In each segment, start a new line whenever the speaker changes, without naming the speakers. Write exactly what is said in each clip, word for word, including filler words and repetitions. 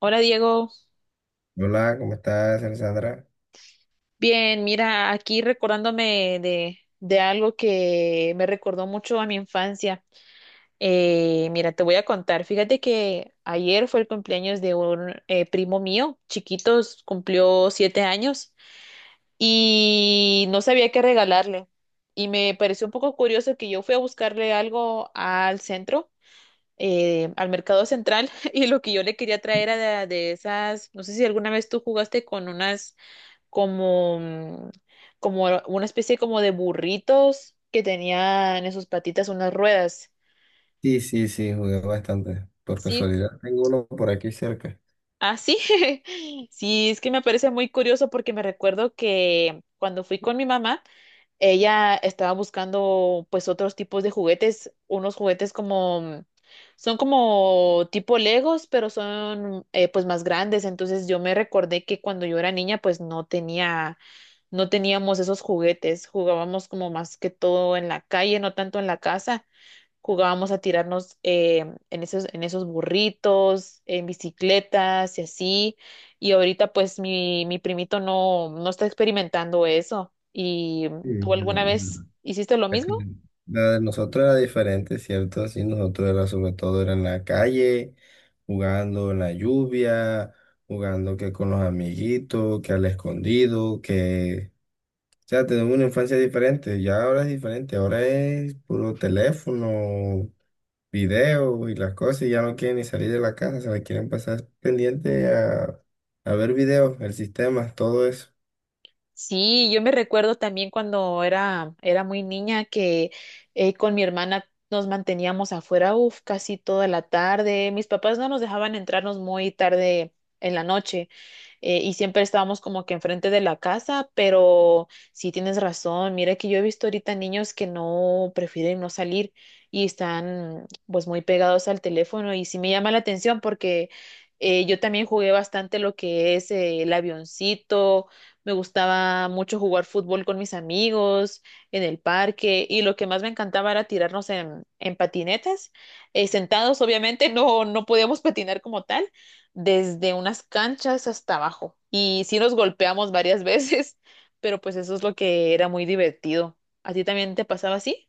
Hola, Diego.
Hola, ¿cómo estás, Alessandra?
Bien, mira, aquí recordándome de, de algo que me recordó mucho a mi infancia. Eh, mira, te voy a contar, fíjate que ayer fue el cumpleaños de un eh, primo mío, chiquitos, cumplió siete años y no sabía qué regalarle. Y me pareció un poco curioso que yo fui a buscarle algo al centro, eh, al mercado central, y lo que yo le quería traer era de de esas, no sé si alguna vez tú jugaste con unas como, mm, como una especie como de burritos que tenían en sus patitas unas ruedas.
Sí, sí, sí, jugué bastante. Por
Sí,
casualidad, tengo uno por aquí cerca.
ah, sí. Sí, es que me parece muy curioso porque me recuerdo que cuando fui con mi mamá, ella estaba buscando pues otros tipos de juguetes, unos juguetes como... mm, son como tipo Legos, pero son eh, pues más grandes. Entonces yo me recordé que cuando yo era niña pues no tenía no teníamos esos juguetes, jugábamos como más que todo en la calle, no tanto en la casa. Jugábamos a tirarnos eh, en esos, en esos burritos, en bicicletas y así. Y ahorita pues mi, mi primito no, no está experimentando eso. ¿Y
Sí,
tú
la,
alguna
de
vez hiciste lo
la que-
mismo?
la de nosotros era diferente, ¿cierto? Sí, nosotros era sobre todo era en la calle, jugando en la lluvia, jugando que con los amiguitos, que al escondido, que... O sea, tenemos una infancia diferente, ya ahora es diferente, ahora es puro teléfono, video y las cosas y ya no quieren ni salir de la casa, se la quieren pasar pendiente a, a ver videos, el sistema, todo eso.
Sí, yo me recuerdo también cuando era, era muy niña que eh, con mi hermana nos manteníamos afuera, uf, casi toda la tarde. Mis papás no nos dejaban entrarnos muy tarde en la noche, eh, y siempre estábamos como que enfrente de la casa, pero sí tienes razón. Mira que yo he visto ahorita niños que no prefieren no salir y están pues muy pegados al teléfono y sí me llama la atención porque eh, yo también jugué bastante lo que es eh, el avioncito. Me gustaba mucho jugar fútbol con mis amigos en el parque y lo que más me encantaba era tirarnos en, en patinetas, eh, sentados, obviamente, no, no podíamos patinar como tal, desde unas canchas hasta abajo. Y sí nos golpeamos varias veces, pero pues eso es lo que era muy divertido. ¿A ti también te pasaba así?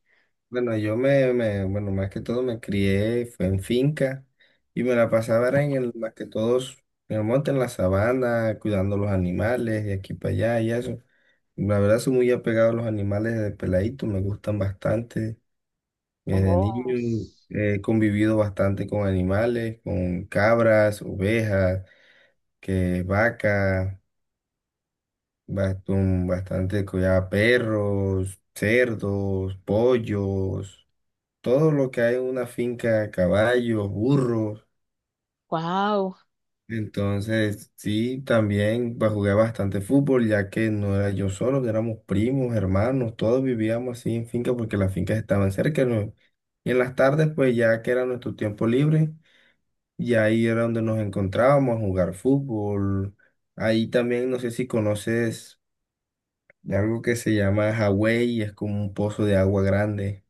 Bueno, yo me, me, bueno, más que todo me crié, fue en finca y me la pasaba era en el, más que todos en el monte, en la sabana, cuidando los animales de aquí para allá y eso. La verdad soy muy apegado a los animales de peladito, me gustan bastante. Desde
Oh,
niño he convivido bastante con animales, con cabras, ovejas que vacas. Bast- un- Bastante cuidado, perros, cerdos, pollos, todo lo que hay en una finca, caballos, burros.
wow.
Entonces, sí, también ba- jugué bastante fútbol, ya que no era yo solo, que éramos primos, hermanos, todos vivíamos así en finca porque las fincas estaban cerca, ¿no? Y en las tardes, pues ya que era nuestro tiempo libre, y ahí era donde nos encontrábamos a jugar fútbol. Ahí también, no sé si conoces de algo que se llama Hawái y es como un pozo de agua grande.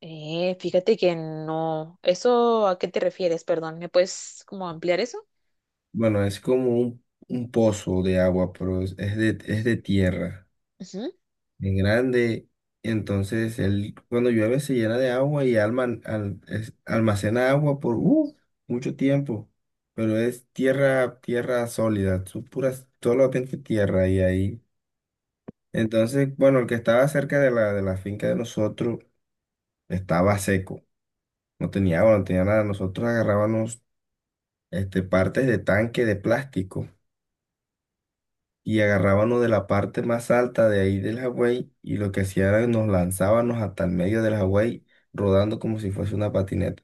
Eh, fíjate que no. ¿Eso a qué te refieres? Perdón, ¿me puedes como ampliar eso?
Bueno, es como un, un pozo de agua, pero es, es de, es de tierra,
Ujú.
es grande. Entonces, él, cuando llueve se llena de agua y alman- al- es- almacena agua por uh, mucho tiempo. Pero es tierra, tierra sólida, son puras, solamente tierra y ahí. Entonces, bueno, el que estaba cerca de la, de la finca de nosotros estaba seco, no tenía agua, no tenía nada. Nosotros agarrábamos este, partes de tanque de plástico y agarrábamos de la parte más alta de ahí del Hawái y lo que hacía era nos lanzábamos hasta el medio del Hawái rodando como si fuese una patineta.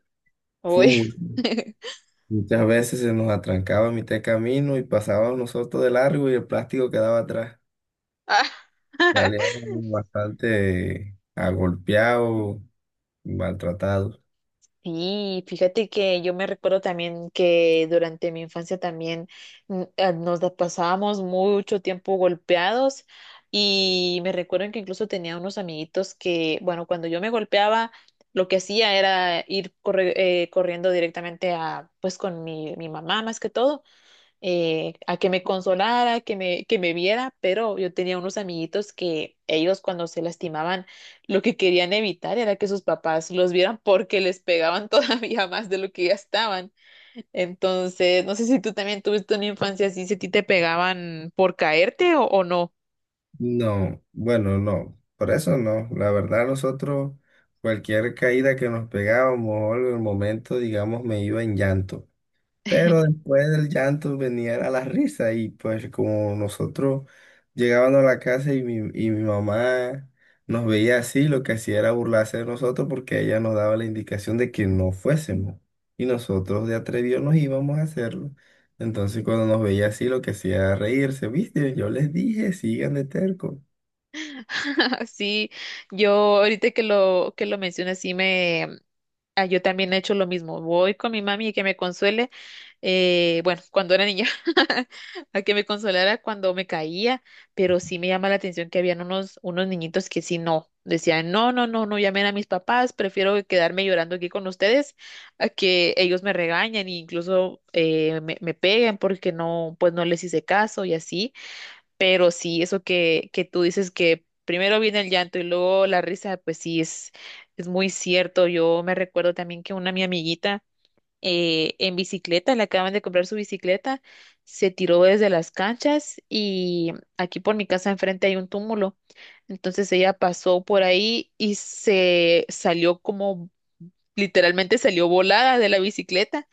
Fue
Uy.
mu- Muchas veces se nos atrancaba a mitad de camino y pasábamos nosotros de largo y el plástico quedaba atrás.
Ah,
Salíamos bastante agolpeados, maltratados.
sí, fíjate que yo me recuerdo también que durante mi infancia también, mm, eh, nos la pasábamos mucho tiempo golpeados y me recuerdo que incluso tenía unos amiguitos que, bueno, cuando yo me golpeaba, lo que hacía era ir corre- eh, corriendo directamente a, pues con mi, mi mamá más que todo, eh, a que me consolara, que me, que me viera, pero yo tenía unos amiguitos que ellos cuando se lastimaban, lo que querían evitar era que sus papás los vieran porque les pegaban todavía más de lo que ya estaban. Entonces, no sé si tú también tuviste una infancia así, si a ti te pegaban por caerte o, o no.
No, bueno, no, por eso no. La verdad, nosotros, cualquier caída que nos pegábamos o algo, en el momento, digamos, me iba en llanto. Pero después del llanto venía a la risa y pues como nosotros llegábamos a la casa y mi, y mi mamá nos veía así, lo que hacía era burlarse de nosotros porque ella nos daba la indicación de que no fuésemos. Y nosotros de atrevidos nos íbamos a hacerlo. Entonces cuando nos veía así, lo que hacía era reírse, ¿viste? Yo les dije, sigan de terco.
Sí, yo ahorita que lo, que lo mencionas, sí me, ah, yo también he hecho lo mismo. Voy con mi mami y que me consuele. Eh, bueno, cuando era niña, a que me consolara cuando me caía, pero sí me llama la atención que habían unos, unos niñitos que sí no. Decían, no, no, no, no llamen a mis papás, prefiero quedarme llorando aquí con ustedes a que ellos me regañen e incluso, eh, me, me peguen porque no, pues no les hice caso y así. Pero sí, eso que, que tú dices que primero viene el llanto y luego la risa, pues sí, es, es muy cierto. Yo me recuerdo también que una mi amiguita, eh, en bicicleta, le acaban de comprar su bicicleta, se tiró desde las canchas y aquí por mi casa enfrente hay un túmulo. Entonces ella pasó por ahí y se salió como, literalmente salió volada de la bicicleta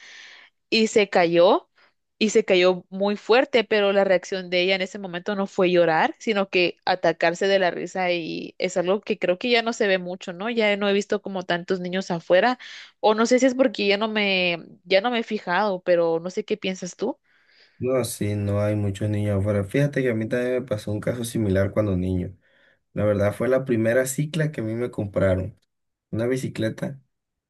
y se cayó, y se cayó muy fuerte, pero la reacción de ella en ese momento no fue llorar, sino que atacarse de la risa y es algo que creo que ya no se ve mucho, ¿no? Ya no he visto como tantos niños afuera o no sé si es porque ya no me ya no me he fijado, pero no sé qué piensas tú.
No, sí, no hay muchos niños afuera. Fíjate que a mí también me pasó un caso similar cuando niño. La verdad fue la primera cicla que a mí me compraron, una bicicleta.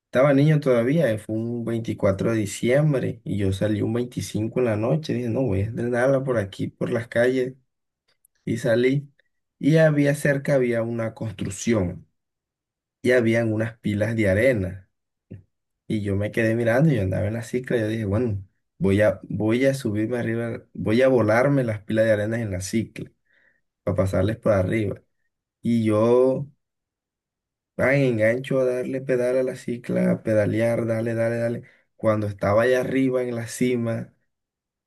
Estaba niño todavía, eh, fue un veinticuatro de diciembre y yo salí un veinticinco en la noche. Dije, no, voy a estrenarla por aquí, por las calles. Y salí y había cerca, había una construcción y habían unas pilas de arena. Y yo me quedé mirando, yo andaba en la cicla, yo dije, bueno, voy a, voy a subirme arriba, voy a volarme las pilas de arena en la cicla para pasarles por arriba. Y yo, ay, engancho a darle pedal a la cicla, a pedalear, dale, dale, dale. Cuando estaba allá arriba en la cima,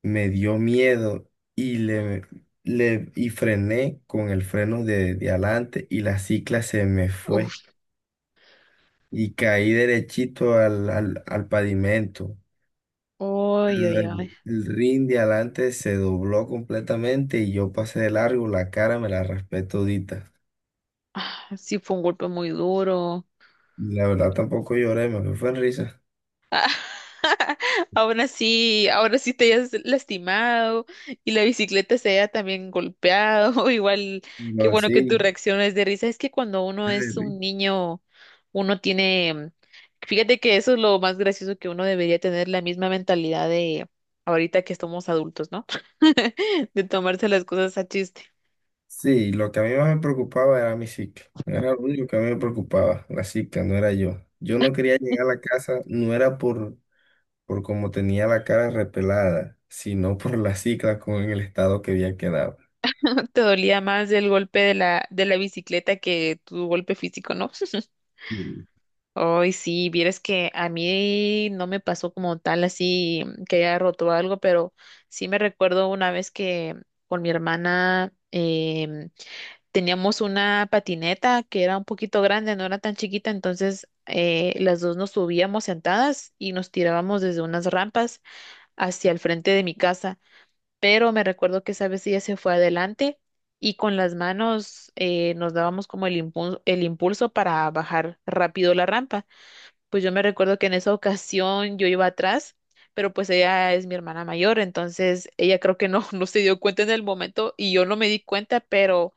me dio miedo y le, le y frené con el freno de, de adelante y la cicla se me fue.
Uf,
Y caí derechito al, al, al pavimento.
ay, ay, ay.
El, el rin de adelante se dobló completamente y yo pasé de largo, la cara me la raspé todita.
Sí, fue un golpe muy duro.
Y la verdad tampoco lloré, me fue en risa.
Aún así, ahora sí te hayas lastimado y la bicicleta se haya también golpeado. Igual, qué
Pero
bueno que tu
sí,
reacción es de risa. Es que cuando uno es
eh,
un niño, uno tiene, fíjate que eso es lo más gracioso que uno debería tener, la misma mentalidad de ahorita que somos adultos, ¿no? De tomarse las cosas a chiste.
sí, lo que a mí más me preocupaba era mi cicla. Era lo único que a mí me preocupaba, la cicla, no era yo. Yo no quería llegar a la casa, no era por, por cómo tenía la cara repelada, sino por la cicla con el estado que había quedado.
Te dolía más el golpe de la, de la bicicleta que tu golpe físico, ¿no?
Sí.
Hoy sí, vieras que a mí no me pasó como tal así que haya roto algo, pero sí me recuerdo una vez que con mi hermana, em, teníamos una patineta que era un poquito grande, no era tan chiquita, entonces eh, las dos nos subíamos sentadas y nos tirábamos desde unas rampas hacia el frente de mi casa, pero me recuerdo que esa vez ella se fue adelante y con las manos, eh, nos dábamos como el impulso, el impulso para bajar rápido la rampa. Pues yo me recuerdo que en esa ocasión yo iba atrás, pero pues ella es mi hermana mayor, entonces ella creo que no, no se dio cuenta en el momento y yo no me di cuenta, pero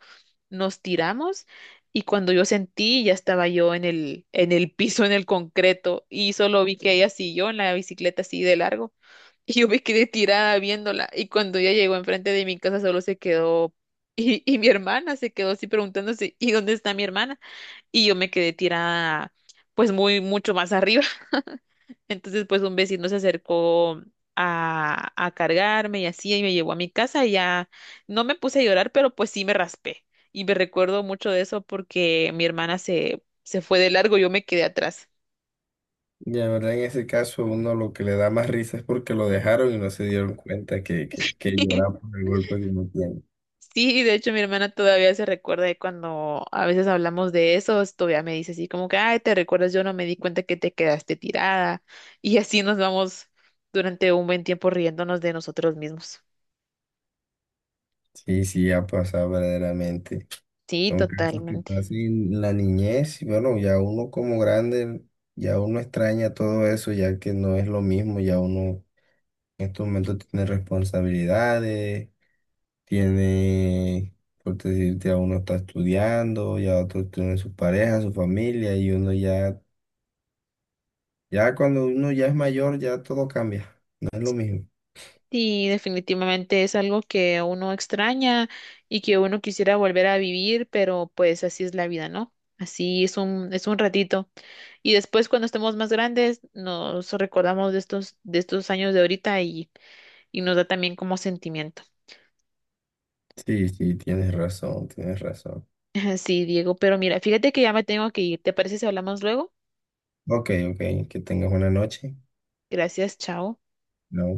nos tiramos y cuando yo sentí ya estaba yo en el, en el piso, en el concreto y solo vi que ella siguió en la bicicleta así de largo y yo me quedé tirada viéndola y cuando ella llegó enfrente de mi casa solo se quedó y, y mi hermana se quedó así preguntándose, ¿y dónde está mi hermana? Y yo me quedé tirada pues muy mucho más arriba. Entonces pues un vecino se acercó a, a cargarme y así y me llevó a mi casa y ya no me puse a llorar, pero pues sí me raspé. Y me recuerdo mucho de eso porque mi hermana se, se fue de largo, yo me quedé atrás.
Y la verdad, en ese caso, uno lo que le da más risa es porque lo dejaron y no se dieron cuenta que, que, que lloraba por el golpe que uno tiene.
Sí, de hecho mi hermana todavía se recuerda de cuando a veces hablamos de eso, todavía me dice así como que, ay, ¿te recuerdas? Yo no me di cuenta que te quedaste tirada. Y así nos vamos durante un buen tiempo riéndonos de nosotros mismos.
Sí, sí, ha pasado verdaderamente.
Sí,
Son casos que
totalmente.
pasan en la niñez y bueno, ya uno como grande, ya uno extraña todo eso, ya que no es lo mismo, ya uno en estos momentos tiene responsabilidades, tiene, por decirte, a uno está estudiando, ya otro tiene su pareja, su familia y uno ya. Ya cuando uno ya es mayor, ya todo cambia. No es lo mismo.
Sí, definitivamente es algo que uno extraña y que uno quisiera volver a vivir, pero pues así es la vida, ¿no? Así es un, es un ratito. Y después cuando estemos más grandes, nos recordamos de estos, de estos años de ahorita y y nos da también como sentimiento.
Sí, sí, tienes razón, tienes razón.
Sí, Diego, pero mira, fíjate que ya me tengo que ir. ¿Te parece si hablamos luego?
Ok, ok, que tengas buena noche.
Gracias, chao.
Chao.